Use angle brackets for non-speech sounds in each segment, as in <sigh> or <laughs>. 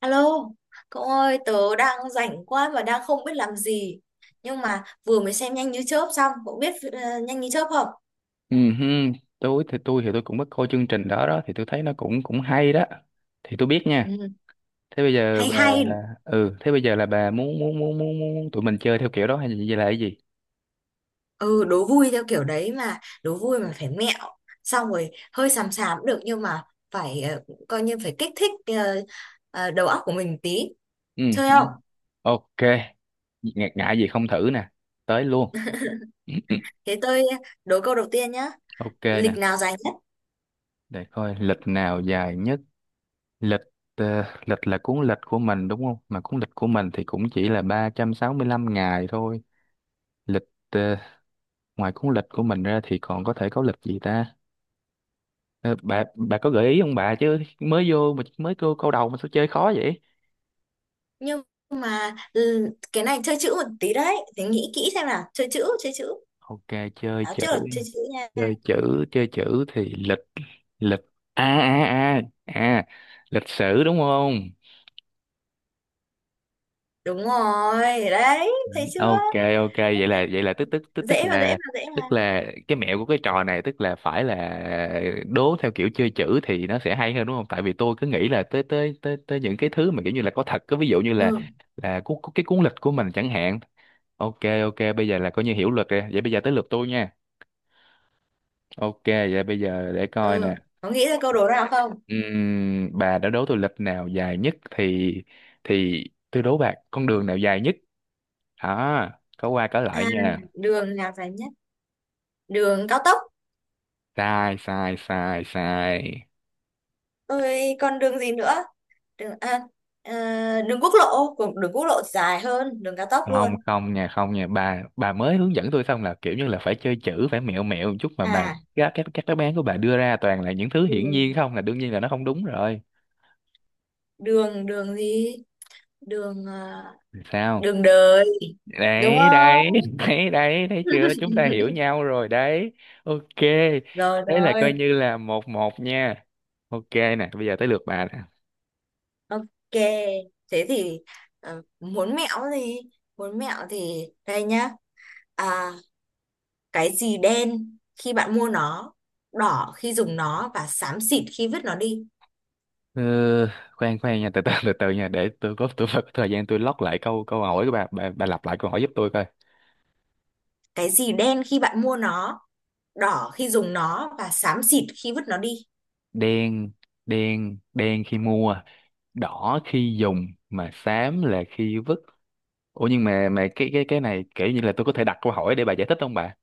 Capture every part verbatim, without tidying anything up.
Alo, cậu ơi, tớ đang rảnh quá mà đang không biết làm gì. Nhưng mà vừa mới xem Nhanh như chớp xong, cậu biết ờ, Nhanh như chớp không? Ừ, hưng, tôi thì tôi thì tôi cũng có coi chương trình đó đó thì tôi thấy nó cũng cũng hay đó thì tôi biết nha. Ừ, Thế bây giờ hay bà hay, ừ thế bây giờ là bà muốn muốn muốn muốn, muốn tụi mình chơi theo kiểu đó hay là gì, là cái gì? ừ, đố vui theo kiểu đấy mà, đố vui mà phải mẹo. Xong rồi hơi xàm xàm cũng được nhưng mà phải ờ, coi như phải kích thích ờ, ờ, đầu óc của mình tí. ừ, Chơi ừ. không? OK, ngại ngại gì, không thử nè, tới luôn. <clears throat> ừ, ừ. Thế tôi đố câu đầu tiên nhá. OK nè, Lịch nào dài nhất? để coi lịch nào dài nhất. Lịch, ờ, lịch là cuốn lịch của mình đúng không, mà cuốn lịch của mình thì cũng chỉ là ba trăm sáu mươi lăm ngày thôi. Lịch, ờ, ngoài cuốn lịch của mình ra thì còn có thể có lịch gì ta? Ờ, bà bà có gợi ý không bà, chứ mới vô mà mới câu câu đầu mà sao chơi khó vậy? Nhưng mà ừ, cái này chơi chữ một tí đấy. thì nghĩ kỹ xem nào. Chơi chữ, chơi chữ. OK, chơi Đó, chữ, trước là chơi chữ nha. chơi chữ. Chơi chữ thì lịch, lịch, a a a à, lịch sử đúng không? Đúng rồi đấy, thấy chưa? OK. OK vậy là vậy là tức tức tức tức Dễ mà, dễ là, mà, dễ tức mà. là cái mẹo của cái trò này tức là phải là đố theo kiểu chơi chữ thì nó sẽ hay hơn đúng không, tại vì tôi cứ nghĩ là tới tới tới tới những cái thứ mà kiểu như là có thật, có ví dụ như là Ừ, là cu, cu- cái cuốn lịch của mình chẳng hạn. OK, OK, bây giờ là coi như hiểu luật rồi, vậy bây giờ tới lượt tôi nha. OK vậy bây giờ để coi nè. ừ, có nghĩ ra câu đố nào không? Ừm, bà đã đố tôi lịch nào dài nhất thì thì tôi đố bà con đường nào dài nhất. Đó, có qua có À, lại nha. đường nào dài nhất? Đường cao tốc? Sai, sai, sai, sai. Rồi còn đường gì nữa? Đường à, à, đường quốc lộ của đường quốc lộ dài hơn đường cao tốc luôn. Không không nha, không nha, bà bà mới hướng dẫn tôi xong là kiểu như là phải chơi chữ, phải mẹo mẹo một chút mà bà. À, Các các các đáp án của bà đưa ra toàn là những thứ hiển nhiên, đường không là đương nhiên là nó không đúng rồi. đường đường gì? Đường à, Sao? đường đời, đúng Đấy, đấy, không? <laughs> đấy, đấy, thấy chưa, chúng ta hiểu nhau rồi đấy. OK, Rồi, đấy là coi rồi. như là một một nha. OK nè, bây giờ tới lượt bà nè. Ok, thế thì ờ, muốn mẹo gì? Muốn mẹo thì đây nhá. À, cái gì đen khi bạn mua nó, đỏ khi dùng nó và xám xịt khi vứt nó đi? Ờ, khoan khoan nha, từ từ từ từ nha, để tôi có, tôi phải có thời gian tôi lót lại câu câu hỏi của bà, bà, bà lặp lại câu hỏi giúp tôi coi. Cái gì đen khi bạn mua nó, đỏ khi dùng nó và xám xịt khi vứt nó đi? Đen, đen, đen khi mua, đỏ khi dùng, mà xám là khi vứt. Ủa nhưng mà mà cái cái cái này kiểu như là tôi có thể đặt câu hỏi để bà giải thích không bà?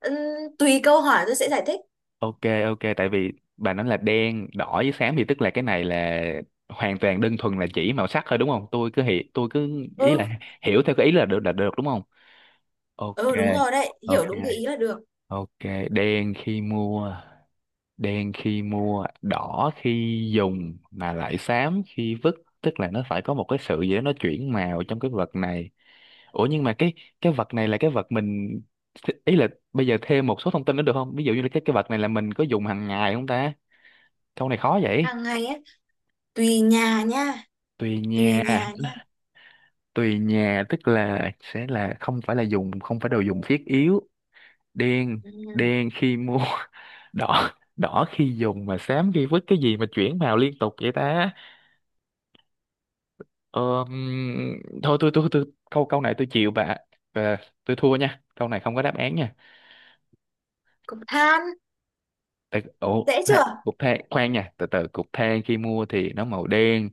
Ừm, tùy câu hỏi tôi sẽ giải thích. OK, OK, tại vì bà nói là đen, đỏ với xám, thì tức là cái này là hoàn toàn đơn thuần là chỉ màu sắc thôi đúng không, tôi cứ hiểu, tôi cứ ý Ừ, là hiểu theo cái ý là được, là được đúng không? OK, ừ, đúng rồi đấy, OK. hiểu đúng cái ý là được. OK, đen khi mua, đen khi mua, đỏ khi dùng mà lại xám khi vứt, tức là nó phải có một cái sự gì đó nó chuyển màu trong cái vật này. Ủa nhưng mà cái cái vật này là cái vật mình, ý là bây giờ thêm một số thông tin nữa được không? Ví dụ như là cái cái vật này là mình có dùng hàng ngày không ta? Câu này khó vậy. Hàng ngày ấy, tùy nhà nha, Tùy tùy nhà, nhà nha. tùy nhà tức là sẽ là không phải là dùng, không phải đồ dùng thiết yếu. Đen, Ừ. đen khi mua, đỏ đỏ khi dùng mà xám khi vứt, cái gì mà chuyển màu liên tục vậy ta? ờ, ừm, thôi tôi tôi tôi câu câu này tôi chịu bà. Ờ, tôi thua nha, câu này không có đáp án nha. Cục than. Tại, ủa, Dễ than, chưa? cục than, khoan nha, từ từ, cục than khi mua thì nó màu đen,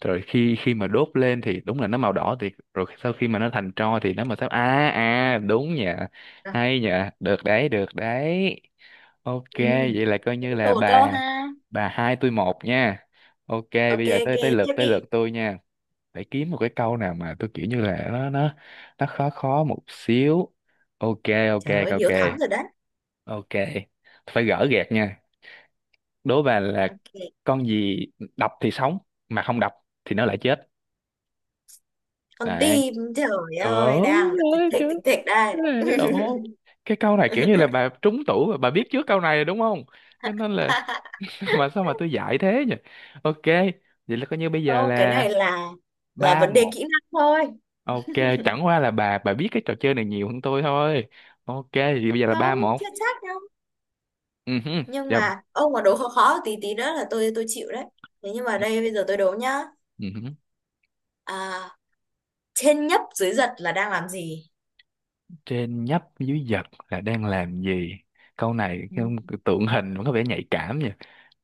rồi khi khi mà đốt lên thì đúng là nó màu đỏ, thì rồi sau khi mà nó thành tro thì nó màu xám. À à, đúng nha. Rồi. Hay nha, được đấy, được đấy. OK, Ừ. vậy là coi Thế như là tôi một câu bà ha. bà hai tôi một nha. OK bây Ok, giờ ok, tới tới lượt tiếp tới đi. lượt tôi nha. Phải kiếm một cái câu nào mà tôi kiểu như là nó nó nó khó khó một xíu. OK, OK, Trời ơi, OK, Hiếu thắng rồi đấy. OK, phải gỡ gạc nha. Đố bà là Ok. con gì đập thì sống, mà không đập thì nó lại chết? Con Đấy, tim, trời ờ, ơi, đang thịt ơi thịt thịt chứ, thịt đây. ê, ồ, cái câu này kiểu như là bà trúng tủ và bà biết trước câu này rồi đúng không, cho nên là <laughs> <laughs> mà sao mà tôi dạy thế nhỉ? OK vậy là coi như bây giờ Không, cái là này là là ba vấn đề một kỹ năng thôi. OK, chẳng qua là bà bà biết cái trò chơi này nhiều hơn tôi thôi. OK thì bây giờ là ba Không, một. chưa chắc đâu. Ừ hứ. Nhưng Dạ. mà ông mà đố khó khó tí tí nữa là tôi tôi chịu đấy. Thế nhưng mà đây bây giờ tôi đố nhá. Ừ hứ. À, trên nhấp dưới giật là đang làm gì? Trên nhấp dưới giật là đang làm gì? Câu này cái- Ừ. tượng hình mà có vẻ nhạy cảm nha.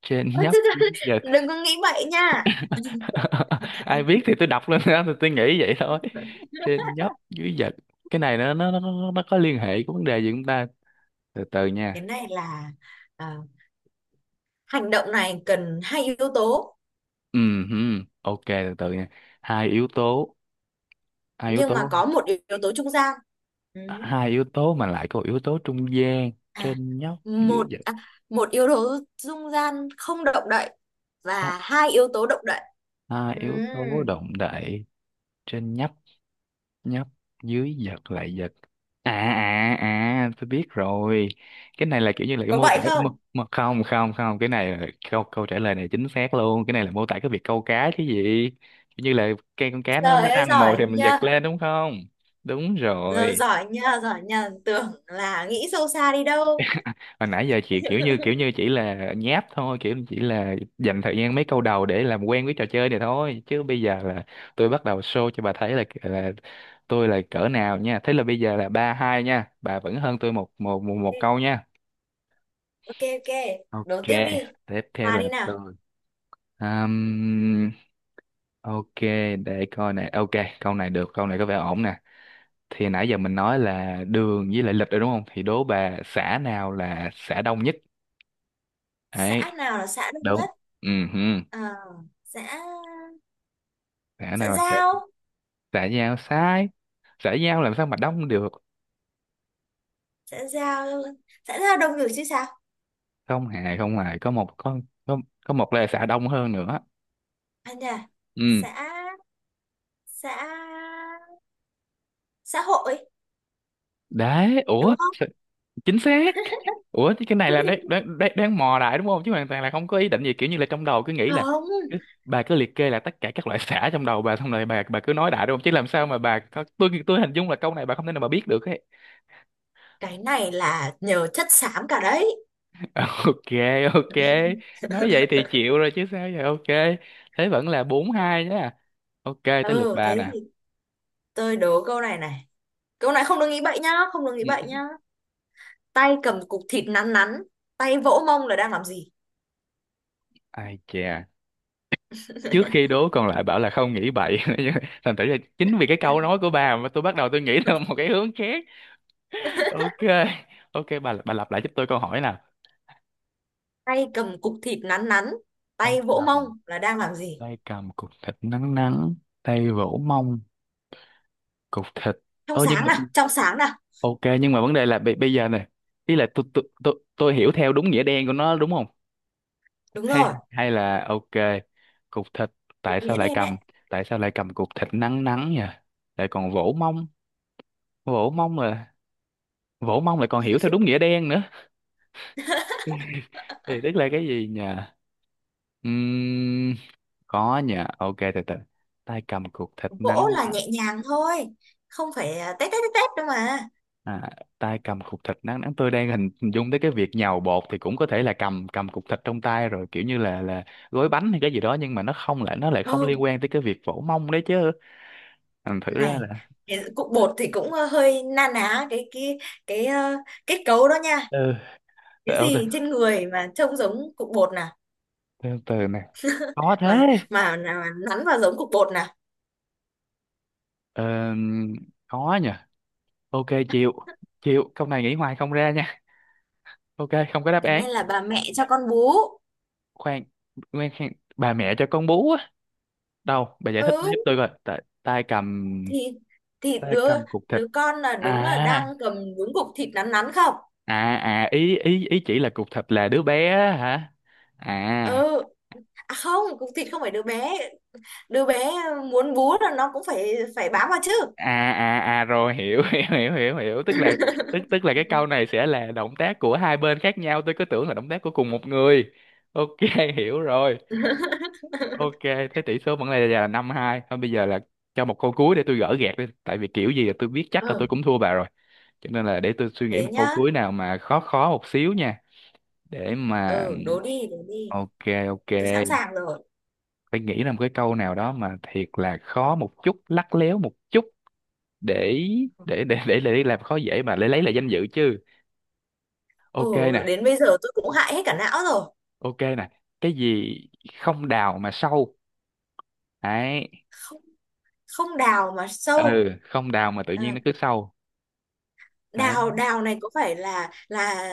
Trên <laughs> Ôi, nhấp chứ- dưới chứ- giật. đừng có nghĩ bậy nha. <laughs> ai biết thì tôi đọc lên, <laughs> đó thì tôi nghĩ vậy thôi. Trên nhấp dưới giật, cái này nó nó nó nó có liên hệ của vấn đề gì chúng ta, từ từ cái nha. này là à, hành động này cần hai yếu tố. Ừ hử, OK từ từ nha. Hai yếu tố, hai yếu Nhưng mà tố, có một yếu tố trung gian. Ừ. hai yếu tố mà lại có một yếu tố trung gian. à Trên nhấp dưới một giật, à, một yếu tố dung gian không động đậy không, và hai yếu tố động đậy. hai yếu Ừm, tố động đậy. Trên nhấp, nhấp, dưới giật, lại giật. À à à tôi biết rồi, cái này là kiểu như là cái có mô tả vậy không? mà, mà không không không, cái này là câu câu trả lời này chính xác luôn, cái này là mô tả cái việc câu cá chứ gì. Kiểu như là cây, con cá nó nó Trời ơi, ăn mồi giỏi thì mình giật nha. lên đúng không? Đúng Giờ rồi. giỏi nha, giỏi nha, tưởng là nghĩ sâu xa đi đâu. Hồi nãy giờ chị kiểu như kiểu như chỉ là nháp thôi, kiểu chỉ là dành thời gian mấy câu đầu để làm quen với trò chơi này thôi, chứ bây giờ là tôi bắt đầu show cho bà thấy là là tôi là cỡ nào nha. Thế là bây giờ là ba hai nha, bà vẫn hơn tôi một một một, một câu nha. Ok, ok, OK, đố tiếp đi. tiếp theo Hòa là đi nào. tôi. Ừm, OK, để coi này. OK, câu này được, câu này có vẻ ổn nè. Thì nãy giờ mình nói là đường với lại lịch rồi đúng không? Thì đố bà xã nào là xã đông nhất? Xã Đấy, nào là xã đông đúng. nhất? Ừ, hừ. Ờ, xã Xã xã nào là xã, giao. xã giao sai. Xã giao làm sao mà đông được? Xã giao, xã giao đông người chứ sao. Không hề, không hề. Có một có, có, có một là xã đông hơn nữa. Anh à nhà. Ừ, Xã xã xã hội, đấy. Ủa? đúng không? Chính xác. Ủa chứ cái này là đoán <laughs> đoán đoán, đoán mò đại đúng không, chứ hoàn toàn là không có ý định gì, kiểu như là trong đầu cứ nghĩ là Không. cứ- bà cứ liệt kê là tất cả các loại sả trong đầu bà, xong rồi bà bà cứ nói đại đúng không, chứ làm sao mà bà có- tôi tôi hình dung là câu này bà không thể nào bà biết được ấy. Cái này là nhờ chất xám cả đấy. <laughs> OK, OK, nói vậy thì chịu rồi chứ sao vậy. OK, thế vẫn là bốn hai nhá. OK tới lượt Ừ, bà thế thì nè. tôi đố câu này này. Câu này không được nghĩ bậy nhá, không được nghĩ Ừ. bậy nhá. Tay cầm cục thịt nắn nắn, tay vỗ mông là đang làm gì? Ai chà, trước khi đố còn lại bảo là không nghĩ bậy. <laughs> Thành thử là chính vì cái câu nói của bà mà tôi bắt đầu tôi nghĩ theo một cái hướng khác. OK, OK, bà bà lặp lại giúp tôi câu hỏi nào. Tay cầm cục thịt nắn nắn, Tay tay vỗ mông cầm, là đang làm gì? tay cầm cục thịt nắng nắng, tay vỗ mông, cục thịt. Trong Ô nhưng sáng mà, nào, trong sáng nào. OK nhưng mà vấn đề là bây, bây giờ này ý là tôi tôi tôi tôi hiểu theo đúng nghĩa đen của nó đúng không? Đúng Hay rồi, hay là OK. Cục thịt, tại sao nghĩa lại đen đấy. cầm, tại sao lại cầm cục thịt nắng nắng nhỉ, lại còn vỗ mông, vỗ mông mà, vỗ mông lại còn hiểu theo đúng nghĩa đen nữa. <laughs> Thì tức là cái gì nhỉ? Ừm, có nha, OK từ từ, tay cầm cục thịt Vỗ nắng là nắng. nhẹ nhàng thôi, không phải à, tét tét tét tét đâu mà. à, tay cầm cục thịt nắng nắng, tôi đang hình hình dung tới cái việc nhào bột, thì cũng có thể là cầm cầm cục thịt trong tay rồi kiểu như là là gói bánh hay cái gì đó, nhưng mà nó không, lại nó lại không Ừ, liên quan tới cái việc vỗ mông đấy chứ. ừ, thử này, ra là, cái cục bột thì cũng ờ, hơi na ná cái cái cái ờ, kết cấu đó nha. ừ, từ Cái từ, gì trên người mà trông giống cục bột nè? từ, từ nè, có thế. Mà mà mà nắn vào giống cục bột nè. ờ, có nha, OK chịu, chịu câu này, nghĩ hoài không ra nha. OK không có đáp Thế án. nên là bà mẹ cho con bú. Khoan, khoan khoan. Bà mẹ cho con bú á? Đâu bà giải thích giúp Ừ. tôi coi. Tại- tay cầm, thì thì tay đứa cầm cục thịt. đứa con là đúng là à đang cầm đúng cục thịt nắn nắn không? à à ý ý ý chỉ là cục thịt là đứa bé á hả? à Ừ. À, không, cục thịt không phải đứa bé. Đứa bé muốn bú là nó cũng phải phải bám vào chứ. à à à rồi hiểu, <laughs> hiểu hiểu hiểu hiểu tức là, tức tức là cái câu này sẽ là động tác của hai bên khác nhau, tôi cứ tưởng là động tác của cùng một người. OK, <laughs> hiểu rồi. OK, thế tỷ số vẫn là là năm hai thôi, bây giờ là cho một câu cuối để tôi gỡ gạc đi, tại vì kiểu gì là tôi biết chắc là tôi Ừ, cũng thua bà rồi, cho nên là để tôi suy nghĩ thế một câu nhá. cuối nào mà khó khó một xíu nha. Để mà, Ừ, đố đi, đố đi. OK, OK, Tôi sẵn sàng rồi. phải nghĩ ra một cái câu nào đó mà thiệt là khó một chút, lắt léo một chút. để để để để, để làm khó dễ mà, để lấy lại danh dự chứ. OK Ừ, nè, đến bây giờ tôi cũng hại hết cả não rồi. OK nè, cái gì không đào mà sâu? Đấy. Không, không đào mà sâu. Ừ, không đào mà tự nhiên Ờ, nó cứ sâu. Đấy. đào đào này có phải là là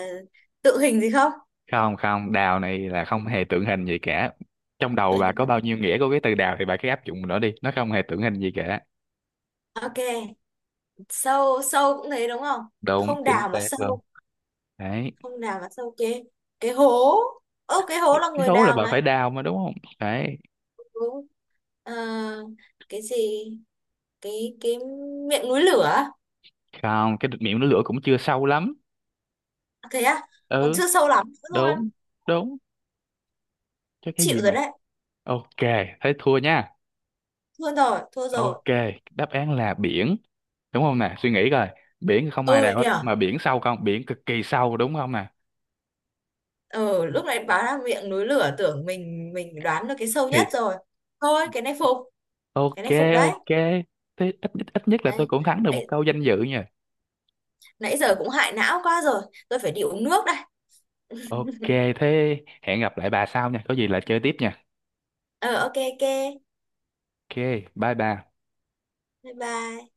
tự hình gì không? Không, không, đào này là không hề tượng hình gì cả, trong đầu bà có bao nhiêu nghĩa của cái từ đào thì bà cứ áp dụng nó đi, nó không hề tượng hình gì cả. Ok, sâu sâu cũng thế đúng không? Đúng, Không chính đào mà xác luôn. sâu, Đấy, không đào mà sâu cái cái hố. Ơ, cái hố là cái người hố là đào bà phải mà. đào mà đúng không? Đấy. Đúng. Ờ, cái gì? Cái cái miệng núi lửa. Không, cái miệng nó lửa cũng chưa sâu lắm. À, thế á? Còn Ừ, chưa sâu lắm nữa luôn. đúng, đúng. Chứ cái gì Chịu rồi mà, đấy. OK, thế thua nha. Thua rồi, thua rồi. OK, đáp án là biển, đúng không nè, suy nghĩ coi, biển thì không ai Ừ đào hết nhở. mà biển sâu, không, biển cực kỳ sâu đúng không nè. Ừ, lúc này báo là miệng núi lửa tưởng mình mình đoán được cái sâu Thì, nhất rồi. Thôi, cái này phục, cái OK, này phục đấy. OK, thế ít, ít ít nhất là tôi cũng thắng được một Đấy. câu danh dự nha. Nãy giờ cũng hại não quá rồi. Tôi phải đi uống nước đây. OK, thế hẹn gặp lại bà sau nha, có gì là chơi tiếp nha. Ờ, ok, ok. OK, bye bye. Bye bye.